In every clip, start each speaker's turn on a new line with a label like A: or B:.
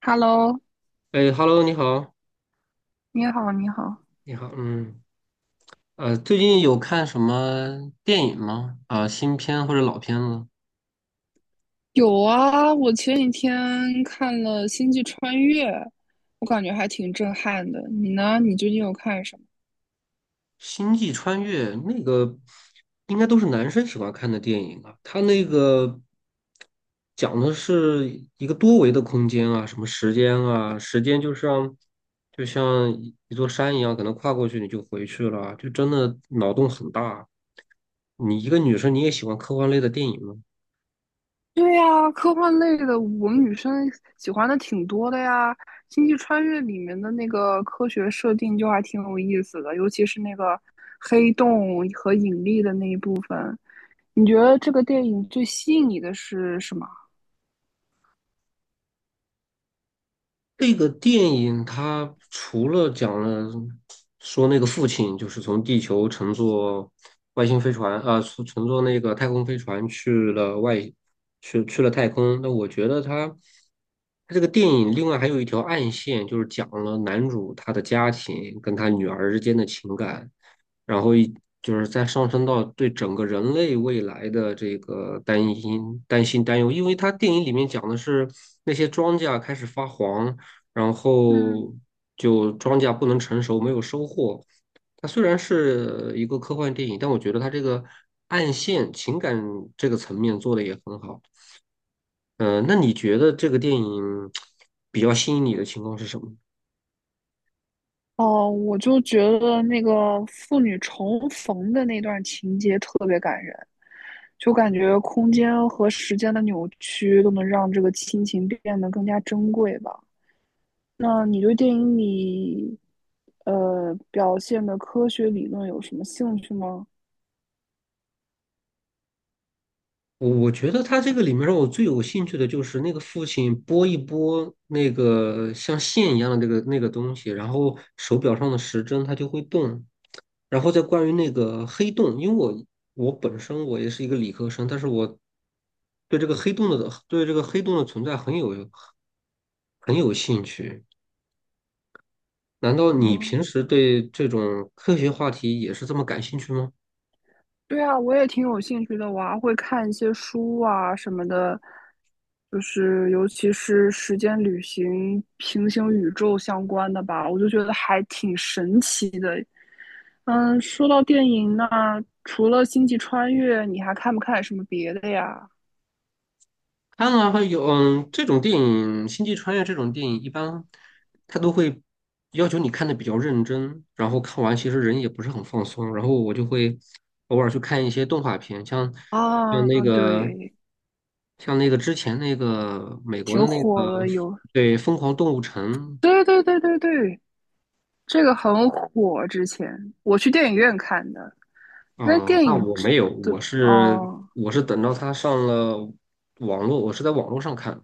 A: Hello，
B: 哎，Hello，你好，
A: 你好，你好。
B: 你好，嗯，最近有看什么电影吗？啊、新片或者老片子？
A: 有啊，我前几天看了《星际穿越》，我感觉还挺震撼的。你呢？你最近有看什么？
B: 《星际穿越》那个应该都是男生喜欢看的电影啊。它那个讲的是一个多维的空间啊，什么时间啊，时间就像一座山一样，可能跨过去你就回去了啊，就真的脑洞很大啊。你一个女生，你也喜欢科幻类的电影吗？
A: 对呀，科幻类的我们女生喜欢的挺多的呀。《星际穿越》里面的那个科学设定就还挺有意思的，尤其是那个黑洞和引力的那一部分。你觉得这个电影最吸引你的是什么？
B: 这个电影它除了讲了说那个父亲就是从地球乘坐外星飞船啊，乘坐那个太空飞船去了外，去了太空。那我觉得它这个电影另外还有一条暗线，就是讲了男主他的家庭跟他女儿之间的情感。然后一就是再上升到对整个人类未来的这个担忧，因为它电影里面讲的是那些庄稼开始发黄，然
A: 嗯。
B: 后就庄稼不能成熟，没有收获。它虽然是一个科幻电影，但我觉得它这个暗线情感这个层面做的也很好。那你觉得这个电影比较吸引你的情况是什么？
A: 哦，我就觉得那个父女重逢的那段情节特别感人，就感觉空间和时间的扭曲都能让这个亲情变得更加珍贵吧。那你对电影里，表现的科学理论有什么兴趣吗？
B: 我觉得他这个里面让我最有兴趣的就是那个父亲拨一拨那个像线一样的那个东西，然后手表上的时针它就会动。然后再关于那个黑洞，因为我我本身我也是一个理科生，但是我对这个黑洞的存在很有兴趣。难道你
A: 啊，
B: 平时对这种科学话题也是这么感兴趣吗？
A: 对啊，我也挺有兴趣的，我还会看一些书啊什么的，就是尤其是时间旅行、平行宇宙相关的吧，我就觉得还挺神奇的。嗯，说到电影呢，除了《星际穿越》，你还看不看什么别的呀？
B: 看了还有，嗯，这种电影《星际穿越》这种电影，一般他都会要求你看的比较认真，然后看完其实人也不是很放松。然后我就会偶尔去看一些动画片，像
A: 啊，
B: 那个
A: 对，
B: 之前那个美国的
A: 挺
B: 那个
A: 火的，有，
B: 对《疯狂动物城》
A: 对对对对对，这个很火，之前我去电影院看的，那
B: 啊、
A: 电
B: 那
A: 影
B: 我没有，
A: 的，哦。
B: 我是等到它上了网络，我是在网络上看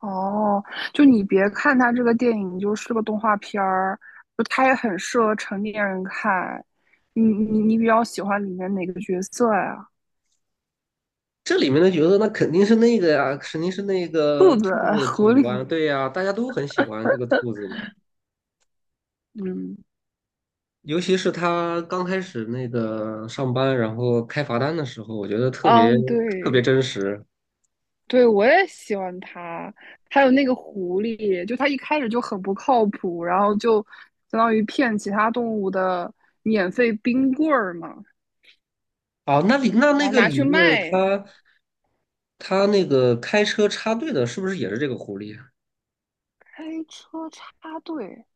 A: 哦，就你别看它这个电影就是个动画片儿，就它也很适合成年人看。你比较喜欢里面哪个角色呀？
B: 这里面的角色那肯定是那个呀，肯定是那个
A: 兔子、
B: 兔子
A: 狐
B: 警官，
A: 狸，
B: 对呀，大家都很喜欢这个兔子的，
A: 嗯
B: 尤其是他刚开始那个上班，然后开罚单的时候，我觉得
A: 嗯，
B: 特别
A: 对
B: 真实。
A: 对，我也喜欢它。还有那个狐狸，就它一开始就很不靠谱，然后就相当于骗其他动物的免费冰棍儿嘛，
B: 哦，那
A: 然后
B: 个
A: 拿
B: 里
A: 去
B: 面
A: 卖。
B: 他他那个开车插队的，是不是也是这个狐狸啊
A: 开车插队，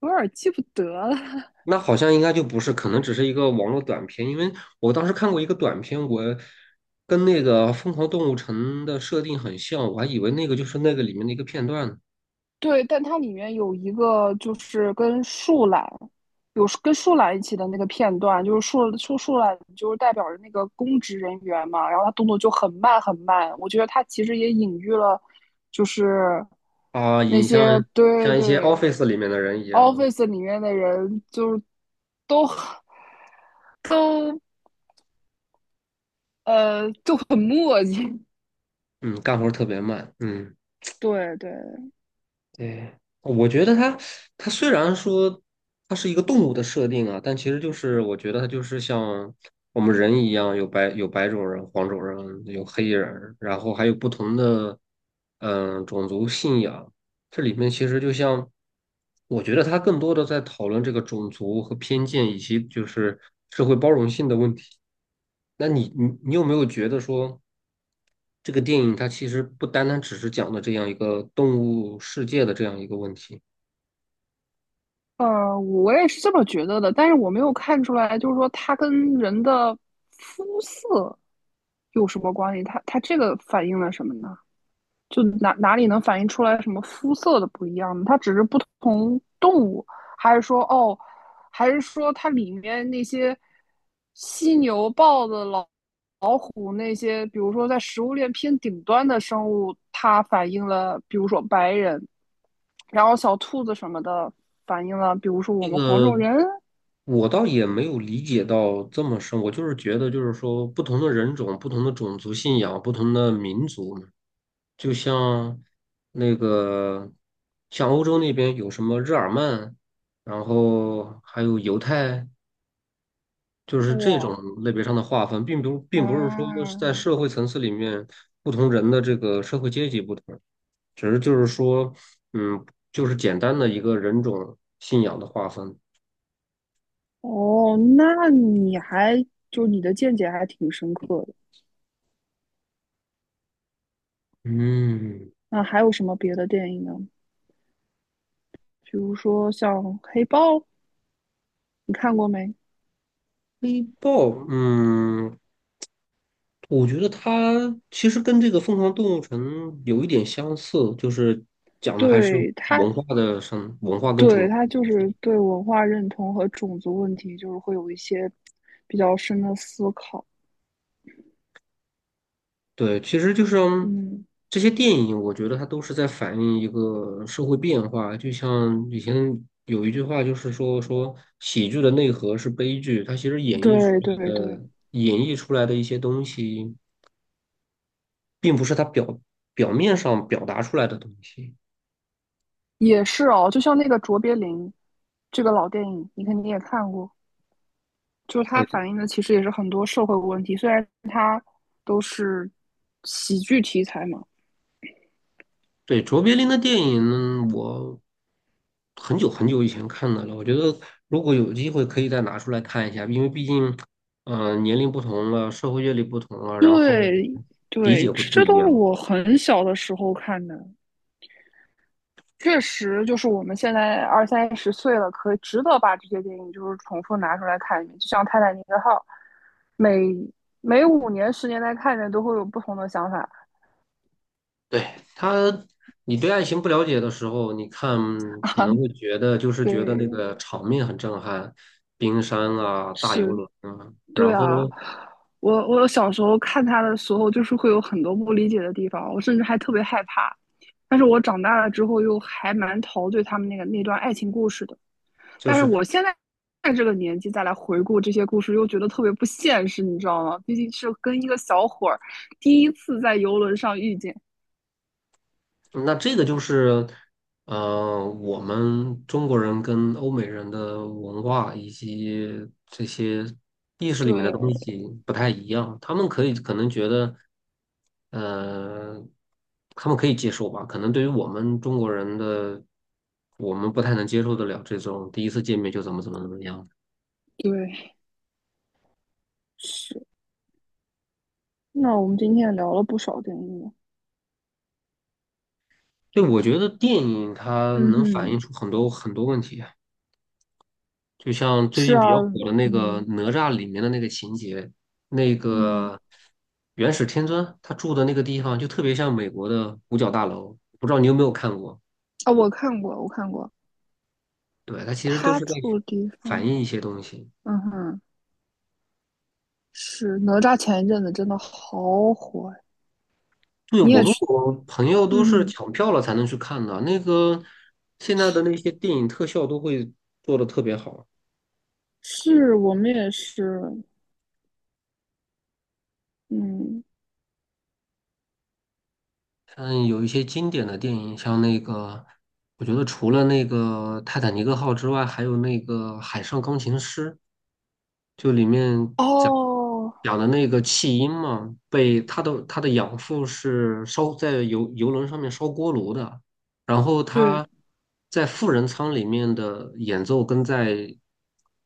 A: 有点记不得了。
B: 那好像应该就不是，可能只是一个网络短片，因为我当时看过一个短片，我跟那个《疯狂动物城》的设定很像，我还以为那个就是那个里面的一个片段呢。
A: 对，但它里面有一个就是跟树懒，有跟树懒一起的那个片段，就是树懒就是代表着那个公职人员嘛，然后他动作就很慢很慢，我觉得他其实也隐喻了，就是
B: 啊，
A: 那
B: 影像
A: 些对
B: 像一些
A: 对
B: office 里面的人一样，
A: office 里面的人就是都 都就很磨叽，
B: 嗯，干活儿特别慢，嗯，
A: 对对，
B: 对，我觉得它它虽然说它是一个动物的设定啊，但其实就是我觉得它就是像我们人一样，有白种人、黄种人，有黑人，然后还有不同的种族信仰，这里面其实就像，我觉得他更多的在讨论这个种族和偏见，以及就是社会包容性的问题。那你有没有觉得说，这个电影它其实不单单只是讲的这样一个动物世界的这样一个问题？
A: 我也是这么觉得的，但是我没有看出来，就是说它跟人的肤色有什么关系，它这个反映了什么呢？就哪里能反映出来什么肤色的不一样呢？它只是不同动物，还是说哦，还是说它里面那些犀牛、豹子、老虎那些，比如说在食物链偏顶端的生物，它反映了，比如说白人，然后小兔子什么的反映了，比如说我
B: 那
A: 们黄种
B: 个
A: 人。
B: 我倒也没有理解到这么深，我就是觉得，就是说，不同的人种、不同的种族信仰、不同的民族嘛就像那个，像欧洲那边有什么日耳曼，然后还有犹太，就是这种
A: 哇，
B: 类别上的划分，并不是说是在
A: 嗯，
B: 社会层次里面不同人的这个社会阶级不同，只是就是说，嗯，就是简单的一个人种信仰的划分。
A: 哦，那你还就你的见解还挺深刻的。
B: 嗯，
A: 那还有什么别的电影呢？比如说像黑豹，你看过没？
B: 黑豹，嗯，我觉得它其实跟这个《疯狂动物城》有一点相似，就是讲的还是
A: 对他，
B: 文化跟种族
A: 对他
B: 的
A: 就
B: 问
A: 是
B: 题。
A: 对文化认同和种族问题，就是会有一些比较深的思考。
B: 对，其实就是嗯
A: 嗯，
B: 这些电影，我觉得它都是在反映一个社会变化。就像以前有一句话，就是说喜剧的内核是悲剧，它其实
A: 对对对，
B: 演绎出来的一些东西，并不是它表面上表达出来的东西。
A: 也是哦。就像那个卓别林这个老电影，你肯定也看过，就是它
B: 对。
A: 反映的其实也是很多社会问题，虽然都是喜剧题材嘛。
B: 对，卓别林的电影，我很久很久以前看的了。我觉得如果有机会，可以再拿出来看一下，因为毕竟，年龄不同了，社会阅历不同了，然后
A: 对
B: 理
A: 对，
B: 解会
A: 这
B: 不
A: 这
B: 一
A: 都是
B: 样。
A: 我很小的时候看的。确实，就是我们现在二三十岁了，可以值得把这些电影就是重复拿出来看一遍。就像《泰坦尼克号》，每五年、10年再看一遍，都会有不同的想法。
B: 对，他，你对爱情不了解的时候，你看可能会觉得
A: 对，
B: 觉得那个场面很震撼，冰山啊，大游
A: 是，
B: 轮啊，
A: 对
B: 然
A: 啊。
B: 后
A: 我小时候看他的时候，就是会有很多不理解的地方，我甚至还特别害怕。但是我长大了之后，又还蛮陶醉他们那个那段爱情故事的。
B: 就
A: 但是
B: 是
A: 我现在在这个年纪再来回顾这些故事，又觉得特别不现实，你知道吗？毕竟是跟一个小伙儿第一次在游轮上遇见。
B: 那这个就是，我们中国人跟欧美人的文化以及这些意识里面的东
A: 对
B: 西不太一样，他们可以可能觉得，呃，他们可以接受吧，可能对于我们中国人的，我们不太能接受得了这种第一次见面就怎么怎么怎么样。
A: 对是。那我们今天也聊了不少电影。
B: 对，我觉得电影它
A: 嗯
B: 能反
A: 哼，
B: 映出很多很多问题。就像最
A: 是
B: 近比较
A: 啊，
B: 火的那个
A: 嗯
B: 哪吒里面的那个情节，那
A: 嗯
B: 个元始天尊他住的那个地方就特别像美国的五角大楼，不知道你有没有看过？
A: 啊，哦我看过，我看过。
B: 对，他其实都
A: 他
B: 是在
A: 住的地
B: 反
A: 方，
B: 映一些东西。
A: 嗯哼，是哪吒前一阵子真的好火
B: 对，
A: 你
B: 我
A: 也
B: 跟
A: 去，
B: 我朋友都是
A: 嗯哼，
B: 抢票了才能去看的。那个现在的那些电影特效都会做的特别好，
A: 是我们也是，嗯，
B: 像有一些经典的电影，像那个我觉得除了那个《泰坦尼克号》之外，还有那个《海上钢琴师》。就里面
A: 哦，
B: 讲的那个弃婴嘛，被他的养父是烧在游轮上面烧锅炉的，然后
A: 对，
B: 他在富人舱里面的演奏跟在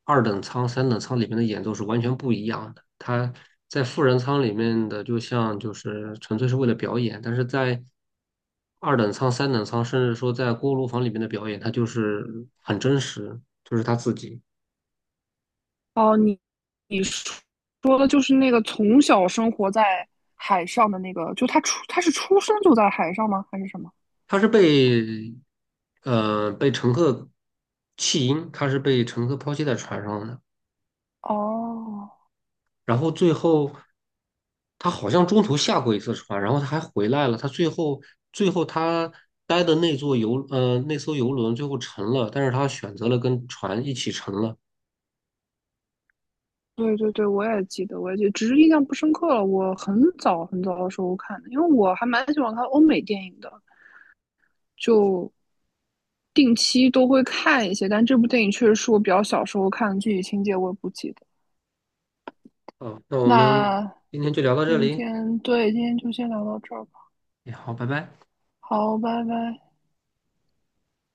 B: 二等舱、三等舱里面的演奏是完全不一样的。他在富人舱里面的就像就是纯粹是为了表演，但是在二等舱、三等舱，甚至说在锅炉房里面的表演，他就是很真实，就是他自己。
A: 哦，你你说说的就是那个从小生活在海上的那个，就他出他是出生就在海上吗？还是什么？
B: 他是被乘客弃婴，他是被乘客抛弃在船上的，
A: 哦，
B: 然后最后他好像中途下过一次船，然后他还回来了，他最后最后他待的那艘游轮最后沉了，但是他选择了跟船一起沉了。
A: 对对对，我也记得，我也记得，只是印象不深刻了。我很早很早的时候看的，因为我还蛮喜欢看欧美电影的，就定期都会看一些。但这部电影确实是我比较小时候看的，具体情节我也不记得。
B: 嗯，那我们
A: 那
B: 今天就聊到这
A: 今
B: 里，
A: 天对，今天就先聊到这儿吧。
B: 哎好，拜拜。
A: 好，拜拜。